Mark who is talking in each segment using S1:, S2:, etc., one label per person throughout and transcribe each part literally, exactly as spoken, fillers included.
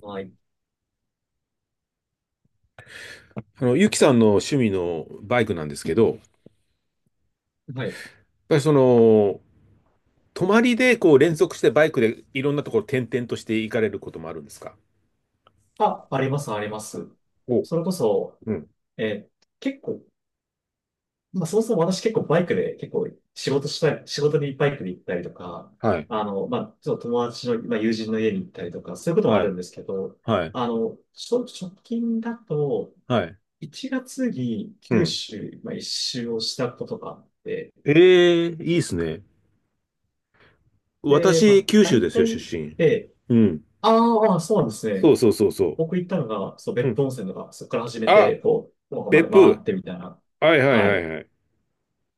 S1: はい。
S2: あの、ゆきさんの趣味のバイクなんですけど、やっ
S1: はい。
S2: ぱりその、泊まりでこう連続してバイクでいろんなところ転々として行かれることもあるんですか？
S1: あ、あります、あります。
S2: お、
S1: それこそ、
S2: うん。
S1: えー結構、まあ、そもそも私結構バイクで結構仕事したり、仕事にバイクで行ったりとか、
S2: はい。
S1: あの、まあ、ちょっと友達の、まあ、友人の家に行ったりとか、そういうこともあ
S2: はい。
S1: るんですけど、
S2: はい。
S1: あの、ちょ直近だと、
S2: はい。
S1: いちがつに
S2: う
S1: 九
S2: ん。
S1: 州、まあ、一周をしたことがあって、
S2: ええ、いいですね。
S1: で、ま
S2: 私、
S1: あ、
S2: 九州
S1: 大
S2: ですよ、出
S1: 体、
S2: 身。
S1: で、
S2: うん。
S1: あーあー、そうなんです
S2: そ
S1: ね。
S2: うそうそうそ
S1: 僕行ったのが、そう、
S2: う。う
S1: 別
S2: ん。
S1: 府温泉とか、そこから始めて、
S2: あ、
S1: こう、福岡まで
S2: 別
S1: 回っ
S2: 府。
S1: てみたいな。
S2: はいはい
S1: は
S2: はい
S1: い。
S2: はい。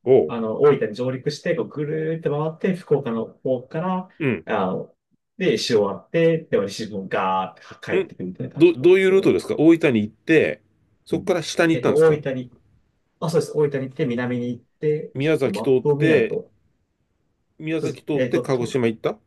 S2: おう、
S1: あの、大分に上陸して、こう、ぐるーって回って、福岡の方から、
S2: うん。
S1: あの、で、石終わって、で、西日本ガーって帰
S2: う
S1: っ
S2: ん。
S1: てくるみたいな感
S2: ど、
S1: じだった
S2: ど
S1: んで
S2: うい
S1: す
S2: う
S1: け
S2: ルート
S1: ど。
S2: ですか？大分に行って、
S1: う
S2: そこ
S1: ん。
S2: から下に行
S1: え
S2: っ
S1: っ
S2: たん
S1: と、
S2: ですか？
S1: 大分に、あ、そうです。大分に行って、南に行って、ち
S2: 宮
S1: ょっと
S2: 崎
S1: マッ
S2: 通っ
S1: プを見ない
S2: て、
S1: と、
S2: 宮
S1: そうで
S2: 崎
S1: す。
S2: 通っ
S1: えっ
S2: て
S1: と、
S2: 鹿
S1: と
S2: 児島行った？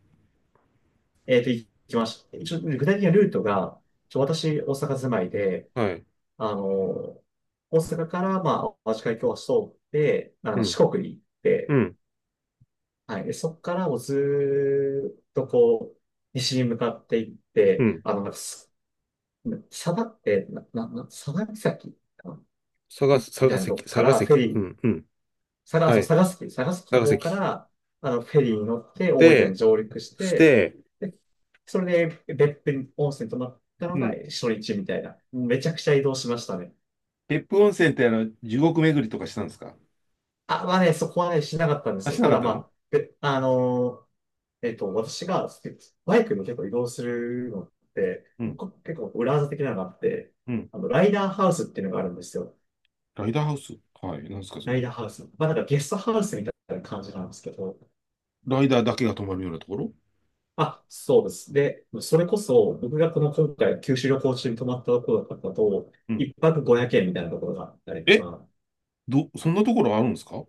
S1: えっと、行きました。一応、具体的なルートが、ちょ、私、大阪住まいで、
S2: はい。
S1: あの、大阪から、まあ、和紙会教室を通って、あ
S2: う
S1: の、
S2: ん。
S1: 四国に行っ
S2: う
S1: て、
S2: ん。
S1: はい。で、そこからもうずーっとこう、西に向かっていっ
S2: う
S1: て、
S2: ん。
S1: あの、なんかす佐賀って、な、な、な、佐賀岬かな、
S2: 佐賀、
S1: み
S2: 佐
S1: た
S2: 賀
S1: いな
S2: 関、
S1: とこか
S2: 佐賀
S1: らフェ
S2: 関。
S1: リ
S2: う
S1: ー、
S2: ん。うん。
S1: 佐賀、
S2: は
S1: そう、
S2: い。
S1: 佐賀崎、佐賀崎
S2: 佐
S1: の
S2: 賀
S1: 方か
S2: 関。
S1: ら、あの、フェリーに乗って大分に
S2: で、
S1: 上陸し
S2: し
S1: て、
S2: て、
S1: で、それで別府に温泉泊まった
S2: う
S1: のが
S2: ん。
S1: 初日みたいな。めちゃくちゃ移動しましたね。
S2: 別府温泉ってあの、地獄巡りとかしたんですか？
S1: あ、まあね、そこはね、しなかったんで
S2: あ、
S1: すよ。
S2: しな
S1: た
S2: かっ
S1: だ
S2: た
S1: ま
S2: の？
S1: あ、で、あのーえっと、私がスバイクも結構移動するのって、
S2: うん。
S1: こ結構裏技的なのがあって、
S2: うん。
S1: あの、ライダーハウスっていうのがあるんですよ。
S2: ライダーハウス、はい。なんですか、そ
S1: ライ
S2: れ？
S1: ダーハウス。まあなんかゲストハウスみたいな感じなんですけど、
S2: ライダーだけが泊まるようなところ？
S1: あ、そうです。で、それこそ僕がこの今回、九州旅行中に泊まったところだったと、
S2: うん。
S1: 一泊ごひゃくえんみたいなところがあったりと
S2: え、
S1: か、
S2: ど、そんなところあるんですか？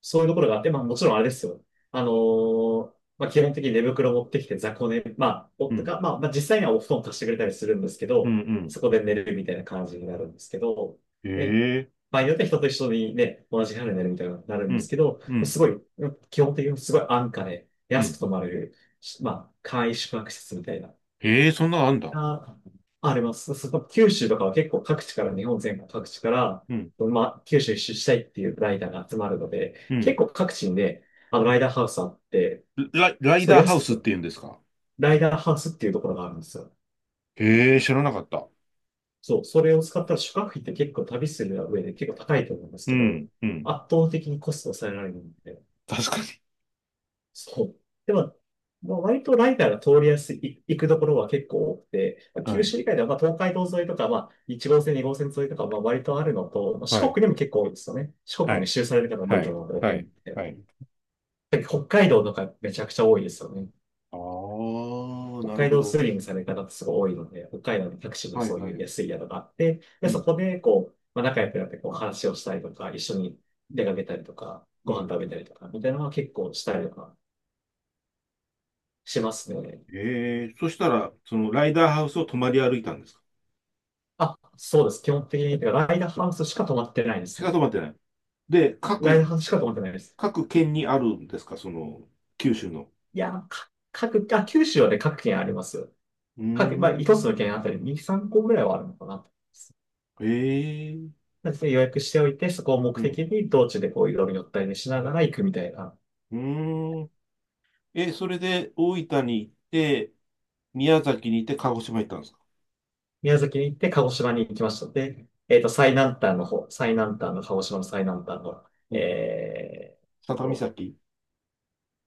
S1: そういうところがあって、まあもちろんあれですよ。あのーまあ基本的に寝袋持ってきて雑魚寝、まあ、
S2: う
S1: 夫
S2: ん。
S1: が、まあ、まあ実際にはお布団貸してくれたりするんですけ
S2: う
S1: ど、
S2: ん、
S1: そこで寝るみたいな感じになるんですけど、
S2: うん。
S1: で、
S2: へえ。
S1: 場合によっては人と一緒にね、同じ部屋で寝るみたいになる
S2: う
S1: んです
S2: ん。
S1: けど、
S2: うん。
S1: すごい、基本的にすごい安価で
S2: う
S1: 安く
S2: ん。
S1: 泊まれる、まあ簡易宿泊施設みたいな。
S2: へえ、そんなのあんだ。
S1: あ、あります。そこ、九州とかは結構各地から、日本全国各地から、
S2: うん。
S1: まあ、九州一周したいっていうライダーが集まるので、
S2: うん。
S1: 結構各地にね、あの、ライダーハウスあって、
S2: ラ、ライ
S1: そう、
S2: ダーハウ
S1: 安く
S2: スって
S1: と、
S2: 言うんですか？
S1: ライダーハウスっていうところがあるんですよ。
S2: へえ、知らなかった。
S1: そう、それを使ったら宿泊費って結構旅する上で結構高いと思うんです
S2: う
S1: けど、
S2: ん、うん。
S1: 圧倒的にコストを抑えられるんで、
S2: 確かに。
S1: そう。でも、まあ割とライダーが通りやすい、行くところは結構多くて、まあ
S2: は
S1: 九
S2: い。
S1: 州以外では、まあ、東海道沿いとか、まあ、いち号線、に号線沿いとか、まあ、割とあるのと、まあ四
S2: はい、
S1: 国にも結構多いですよね。四
S2: は
S1: 国も
S2: い、
S1: 一周される方も多
S2: は
S1: いと
S2: い、
S1: 思うの
S2: は
S1: で、
S2: い、
S1: えー
S2: はい。
S1: 北海道とかめちゃくちゃ多いですよね。
S2: ああ、
S1: 北
S2: なる
S1: 海
S2: ほ
S1: 道
S2: ど。
S1: スーリングされる方ってすごい多いので、北海道のタクシーで
S2: はい
S1: そう
S2: は
S1: いう
S2: い。
S1: 安い宿があって、
S2: う
S1: で、そ
S2: ん、
S1: こで、こう、まあ、仲良くなってこう話をしたりとか、一緒に出かけたりとか、
S2: う
S1: ご飯
S2: ん。
S1: 食べたりとか、みたいなのは結構したりとかしますね。
S2: ええ、そしたら、そのライダーハウスを泊まり歩いたんですか？
S1: あ、そうです。基本的に、ライダーハウスしか泊まってないで
S2: し
S1: す
S2: か
S1: ね。
S2: 泊まってない。で、
S1: ライダ
S2: 各、
S1: ーハウスしか泊まってないです。
S2: 各県にあるんですか、その、九州の？
S1: いや、か各、あ、九州はね、各県ありますよ。
S2: うー
S1: 各、まあ、一つ
S2: ん。
S1: の県あたりに、さんこぐらいはあるのかなと思います。
S2: ええ。
S1: なので予約しておいて、そこを目
S2: う
S1: 的
S2: ん。
S1: に道中でこういろいろ寄ったりねしながら行くみたいな。
S2: うーん。え、それで大分に行って、宮崎に行って鹿児島行ったんですか？
S1: 宮崎に行って鹿児島に行きましたので、えっと、最南端の方、最南端の鹿児島の最南端の、
S2: うん。
S1: え
S2: 佐
S1: ー
S2: 多岬？
S1: と、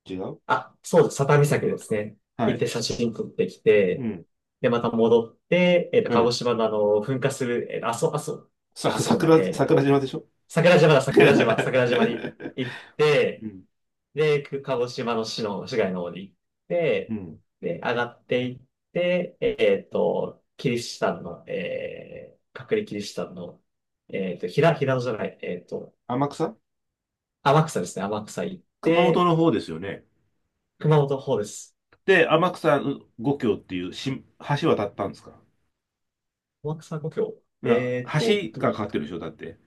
S2: 違う？
S1: あ、そうです。佐多岬ですね。
S2: は
S1: 行っ
S2: い。
S1: て写真撮ってき
S2: う
S1: て、
S2: ん。
S1: で、また戻って、えっと、鹿児
S2: ええ。
S1: 島のあの、噴火する、えっと、阿蘇、阿蘇、じ
S2: さ、
S1: ゃあ阿蘇じゃない、
S2: 桜、
S1: えっ
S2: 桜
S1: と、
S2: 島でしょ？
S1: 桜島だ、桜島、桜島に行っ
S2: う
S1: て、
S2: ん。
S1: で、く鹿児島の市の、市街の方に行っ
S2: う
S1: て、
S2: ん。
S1: で、上がっていって、えっと、キリシタンの、えー、隠れキリシタンの、えっと、平、平野じゃない、えっと、
S2: 天草。
S1: 天草ですね、天草行っ
S2: 熊本
S1: て、
S2: の方ですよね。
S1: 熊本の方です。
S2: で、天草五橋っていうし橋渡ったんですか？
S1: 天草故郷。
S2: いや、
S1: えっと、
S2: 橋
S1: ど
S2: がかかってるでしょ、だって。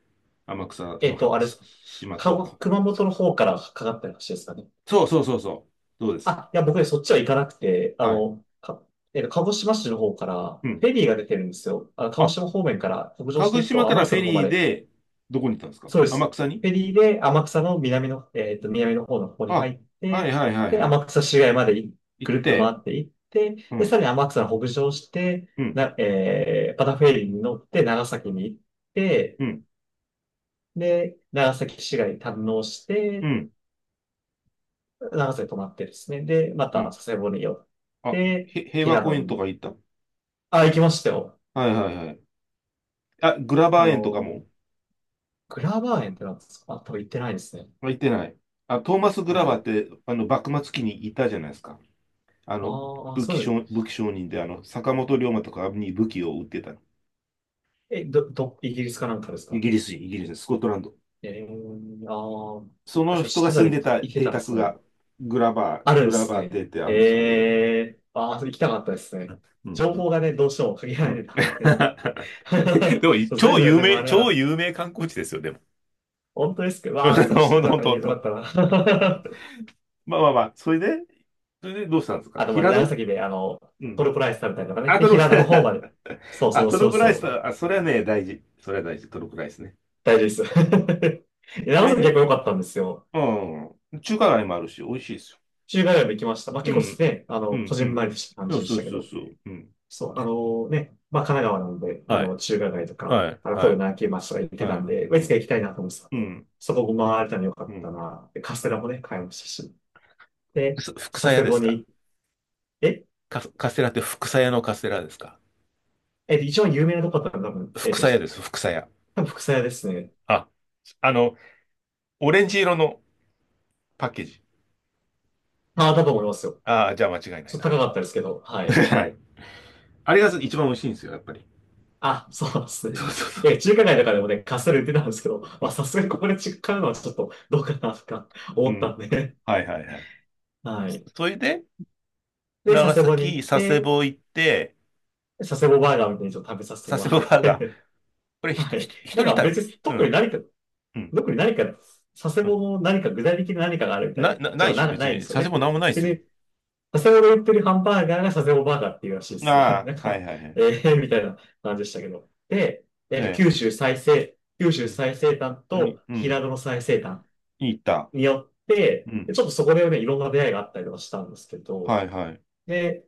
S2: 天草
S1: え
S2: の
S1: っ
S2: は
S1: と、あれで
S2: し、
S1: すか。
S2: 島
S1: か
S2: と。
S1: 熊本の方からかかった話ですかね。
S2: そうそうそうそう。そうです。
S1: あ、いや、僕ね、そっちは行かなくて、あ
S2: はい。
S1: の、か、えっと、鹿児島市の方から、
S2: うん。
S1: フェリーが出てるんですよ。あの、鹿児
S2: あ、
S1: 島方面から北上し
S2: 鹿
S1: て
S2: 児
S1: いく
S2: 島
S1: と、
S2: か
S1: 天
S2: らフ
S1: 草
S2: ェ
S1: の方ま
S2: リー
S1: で。
S2: で、どこに行ったんですか、
S1: そうで
S2: 天
S1: す。
S2: 草に？
S1: フェリーで天草の南の、えっと、南の方の方に
S2: あ、
S1: 入っ
S2: はい
S1: て、
S2: はいは
S1: で、
S2: いはい。
S1: 天草市街までい
S2: 行
S1: ぐ
S2: っ
S1: るっと回
S2: て、
S1: っていって、
S2: う
S1: で、さ
S2: ん、
S1: らに天草の北上して、
S2: うん、
S1: な、えー、またフェリーに乗って長崎に行って、
S2: うん、
S1: で、長崎市街に堪能し
S2: う
S1: て、
S2: ん、
S1: 長瀬泊まってですね。で、ま
S2: う
S1: た
S2: ん。
S1: 佐世保に寄っ
S2: あ、
S1: て、
S2: へ平和
S1: 平
S2: 公
S1: 戸
S2: 園と
S1: に。
S2: か行った？
S1: あ、行きましたよ。
S2: はいはいはい。あ、グラバ
S1: あ
S2: ー園とか
S1: の、
S2: も？
S1: グラバー園ってなんですか。あ、多分行ってないですね。
S2: 行ってない？あ、トーマス・グラ
S1: は
S2: バーっ
S1: い。
S2: て、あの、幕末期にいたじゃないですか。あの、
S1: ああ、
S2: 武器
S1: そういう。
S2: 商、武器商人で、あの、坂本龍馬とかに武器を売ってた。
S1: え、ど、ど、イギリスかなんかです
S2: イ
S1: か。
S2: ギリス人、イギリス人、スコットランド。
S1: えー、あ
S2: そ
S1: あ、
S2: の
S1: そう、
S2: 人
S1: 知っ
S2: が
S1: てた
S2: 住ん
S1: り、
S2: でた
S1: 行け
S2: 邸
S1: たで
S2: 宅
S1: すね。
S2: が、グラバー、
S1: あるん
S2: グ
S1: で
S2: ラ
S1: す
S2: バー邸
S1: ね。
S2: ってあるんです、あるよ。
S1: ええーああ、それ行きたかったですね。
S2: うん、
S1: 情
S2: うん、
S1: 報がね、どうしても限
S2: う
S1: られ
S2: ん。
S1: てた んで。
S2: でも、
S1: そう全
S2: 超
S1: 部が
S2: 有
S1: 全部あ
S2: 名、
S1: れなか
S2: 超
S1: った。
S2: 有名観光地ですよ、でも。
S1: 本当ですけど、
S2: ほ
S1: わあ、それ知っ
S2: ん
S1: て
S2: と
S1: た
S2: ほん
S1: ら
S2: とほん
S1: よかっ
S2: と。
S1: たな。
S2: まあまあまあ、それで、それでどうしたんですか、
S1: あと、まあ、
S2: 平
S1: 長
S2: 戸？
S1: 崎で、あの、
S2: う
S1: ト
S2: ん。
S1: ルコライス食べたりとかね。
S2: あ、
S1: で、
S2: トルコ、
S1: 平戸の方まで。そ うそ
S2: あ、
S1: う
S2: ト
S1: そ
S2: ル
S1: う
S2: コ
S1: そ
S2: ライスだ、
S1: う。
S2: あ、それはね、大事。それは大事、トルコライスね。
S1: 大事です。で
S2: そ
S1: 長
S2: れ
S1: 崎結
S2: で、
S1: 構良かったんですよ。
S2: うん、中華街もあるし、美味しいですよ。
S1: 中華街も行きました。まあ、
S2: う
S1: 結
S2: ん、
S1: 構ね、あ
S2: う
S1: の、こ
S2: ん、う
S1: じんまりとした感
S2: ん。
S1: じでし
S2: そう
S1: たけ
S2: そうそう
S1: ど。
S2: そう。うん。
S1: そう、あのね、まあ、神奈川なんで、あ
S2: はい、
S1: の、中華街とか、
S2: はい、
S1: あの、
S2: は
S1: 神戸
S2: い、
S1: の秋町とか行って
S2: は
S1: たん
S2: い。
S1: で、まあい
S2: う
S1: つ
S2: ん、
S1: か行きたいなと思ってたん
S2: う
S1: で、
S2: ん、
S1: そこも回れたの良か
S2: う
S1: った
S2: ん。
S1: な。で、カステラもね、買いましたし。で、
S2: す福鞘
S1: 佐
S2: 屋
S1: 世
S2: で
S1: 保
S2: すか？
S1: に、え、
S2: カス、カステラって福鞘屋のカステラですか？
S1: えっと、一番有名なとこだったら多分、
S2: 福
S1: えっと、
S2: 鞘屋です、福鞘屋。
S1: 多分、福佐屋ですね。
S2: あ、あの、オレンジ色のパッケージ。
S1: ああ、だと思いますよ。
S2: ああ、じゃあ間違いな
S1: ち
S2: い
S1: ょっ
S2: な。
S1: と高かったですけど、はい。
S2: はい。あれが一番美味しいんですよ、やっぱり。
S1: あ、そうです
S2: そ
S1: ね。
S2: うそうそう。
S1: え、中華街とかでもね、カステラ売ってたんですけど、
S2: う
S1: まあ、
S2: ん。
S1: さすがにここで買うのはちょっとどうかなとか
S2: う
S1: 思った
S2: ん。
S1: んで、
S2: はいはいはい。
S1: はい。
S2: それで、
S1: で、
S2: 長
S1: 佐世保に行
S2: 崎、
S1: っ
S2: 佐世
S1: て、
S2: 保行って、
S1: 佐世保バーガーみたいにちょっと食べさせて
S2: 佐
S1: も
S2: 世
S1: ら
S2: 保バ
S1: っ
S2: ーガー。
S1: て、
S2: これ ひと、
S1: は
S2: ひ
S1: い。
S2: と
S1: な
S2: 一
S1: ん
S2: 人
S1: か
S2: 旅？
S1: 別に
S2: う
S1: 特に
S2: ん、
S1: 何か、
S2: うん、
S1: 特に何か、佐世
S2: う
S1: 保
S2: ん。
S1: の何か具体的な何かがあるみた
S2: な、
S1: い
S2: な、
S1: じ
S2: な
S1: ゃ
S2: いでしょ、
S1: な、
S2: 別
S1: ないんで
S2: に。
S1: すよ
S2: 佐世
S1: ね。
S2: 保なんもないです
S1: 別
S2: よ。
S1: に佐世保で売ってるハンバーガーが佐世保バーガーっていうらしいですね。
S2: ああ、
S1: なん
S2: はい
S1: か、
S2: はいは
S1: え
S2: い。
S1: ー、みたいな感じでしたけど。で、えっと、
S2: ね、
S1: 九州最西、九
S2: う
S1: 州
S2: ん、本
S1: 最西端
S2: 当に、
S1: と
S2: うん、
S1: 平戸の最西端
S2: いいった。
S1: によっ
S2: う
S1: て、
S2: ん、
S1: でちょっとそこでね、いろんな出会いがあったりとかしたんですけど、
S2: はいはい。
S1: で、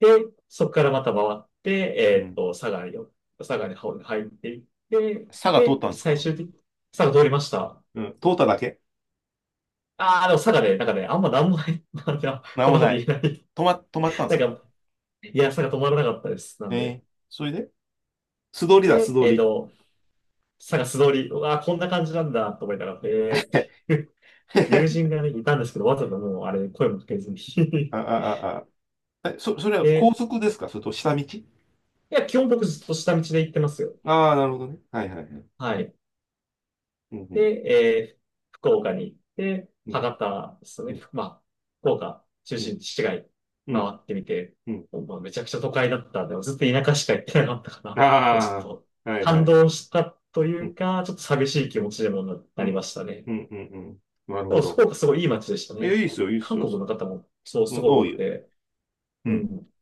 S1: で、そこからまた回って、
S2: う
S1: えっ
S2: ん。
S1: と、佐賀に、佐賀に入っていって、
S2: 佐賀通っ
S1: で、
S2: たんです
S1: 最
S2: か？
S1: 終的に、佐賀通りました。
S2: うん、通っただけ？
S1: ああ、でも佐賀で、なんかね、あんまなんもない、なんか、
S2: なん
S1: こん
S2: も
S1: なこ
S2: な
S1: と言え
S2: い。
S1: ない。
S2: 止ま、止まったんで
S1: な
S2: すか？
S1: んか、いや、佐賀止まらなかったです。なん
S2: え
S1: で。
S2: え。それで素通りだ、
S1: で、
S2: 素通
S1: えっ
S2: り。
S1: と、探す通り、うわー、こんな感じなんだと思いながら、えーっていう 友人 がね、いたんですけど、わざともうあれ、声もかけずに
S2: あ、あ、あ、あ。え、そ、それは高
S1: で、
S2: 速ですか、それと下道？
S1: いや、基本僕ずっと下道で行ってますよ。
S2: ああ、なるほどね。はいはいはい。
S1: はい。
S2: うん、う
S1: で、
S2: ん、
S1: えー福岡に行って、
S2: うん。
S1: 博多ですね。まあ、福岡中
S2: う
S1: 心
S2: ん、
S1: 地市街
S2: う
S1: 回
S2: ん、
S1: ってみて、
S2: うん。
S1: まあ、めちゃくちゃ都会だったんで、ずっと田舎しか行ってなかったか ら、もうちょっ
S2: あ
S1: と
S2: あ、はいは
S1: 感
S2: い。
S1: 動したとい
S2: う
S1: う
S2: ん、
S1: か、ちょっと寂しい気持ちでも
S2: う
S1: なりま
S2: ん、
S1: したね。
S2: うん、うん、うん。なる
S1: で
S2: ほ
S1: も福
S2: ど。
S1: 岡すごいいい街でした
S2: いや、い
S1: ね。
S2: いっすよ、いいっす
S1: 韓
S2: よ。
S1: 国
S2: そ
S1: の方もそう
S2: う
S1: す
S2: ん、
S1: ごい多
S2: 多い
S1: く
S2: よ。
S1: て、
S2: う
S1: う
S2: ん。
S1: ん。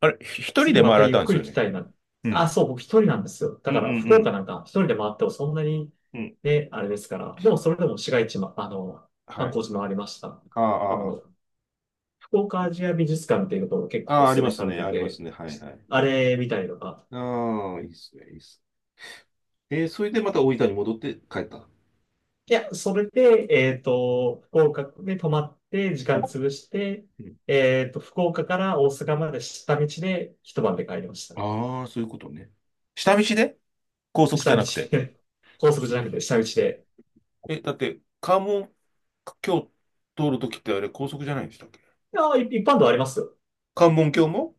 S2: あれ、ひ一人で
S1: 次
S2: 回
S1: ま
S2: ら
S1: た
S2: れ
S1: ゆっ
S2: たんで
S1: く
S2: す
S1: り
S2: よ
S1: 来
S2: ね。
S1: たいな。
S2: う
S1: あ、
S2: ん、
S1: そう、僕一人なんですよ。
S2: う
S1: だ
S2: ん、う
S1: から福岡
S2: ん、
S1: なんか一人で回ってもそんなに
S2: うん。うん。
S1: ね、あれですから。でもそれでも市街地も、あの、
S2: は
S1: 観
S2: い。
S1: 光地もありました。
S2: あ
S1: あ
S2: あ、あ
S1: の、福岡アジア美術館っていうところ結
S2: あ、
S1: 構
S2: あ
S1: お
S2: あ、あり
S1: 勧め
S2: ます
S1: され
S2: ね、
S1: て
S2: ありま
S1: て、
S2: すね。はいはい。
S1: あれみたいのが。
S2: ああ、いいっすね、いいっす。えー、それでまた大分に戻って帰った。
S1: いや、それで、えっと、福岡で泊まって時
S2: う
S1: 間
S2: ん、
S1: 潰して、
S2: うん。
S1: えっと、福岡から大阪まで下道で一晩で帰りましたね。
S2: ああ、そういうことね。下道で、高速じ
S1: 下
S2: ゃ
S1: 道
S2: なくて。
S1: で、高速じ
S2: そ
S1: ゃ
S2: う。
S1: なくて下道で。
S2: え、だって、関門橋通るときってあれ、高速じゃないんでしたっけ？
S1: いやー、い一般道ありますよ。
S2: 関門橋も？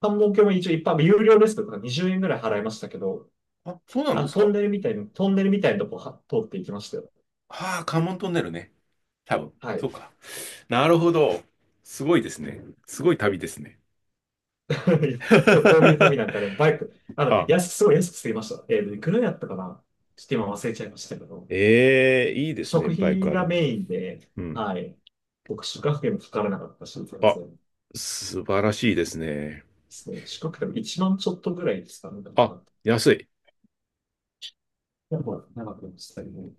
S1: 関門橋も一応一般道、有料ですけど、にじゅうえんぐらい払いましたけど、
S2: あ、そうなん
S1: あ
S2: で
S1: の、
S2: す
S1: トン
S2: か。
S1: ネルみたいな、トンネルみたいなとこは通っていきましたよ。
S2: ああ、関門トンネルね。多分。
S1: は
S2: そ
S1: い。
S2: う か。なるほど。すごいですね。すごい旅ですね。
S1: こういう旅なんかね、バイク、あの、
S2: あ、
S1: 安く、すごい安く済みました。えー、いくらやったかなちょっと今忘れちゃいましたけど、
S2: ええ、いいですね。
S1: 食
S2: バイ
S1: 費
S2: クある
S1: が
S2: と。
S1: メインで、
S2: うん。
S1: はい。僕、宿泊費もかからなかったし、全然です
S2: あ、素晴らしいですね。
S1: ね。宿泊費もいちまんちょっとぐらいですかね、なんか
S2: あ、
S1: な。
S2: 安い。
S1: やっぱ長くなりましたけど、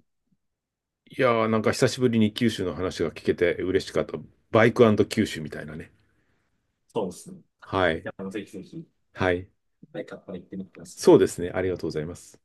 S2: いやー、なんか久しぶりに九州の話が聞けて嬉しかった。バイク九州みたいなね。
S1: そうですね。
S2: はい。
S1: や、もうぜひぜひ、
S2: はい。
S1: 一回カッパ行ってみてください。
S2: そうですね。ありがとうございます。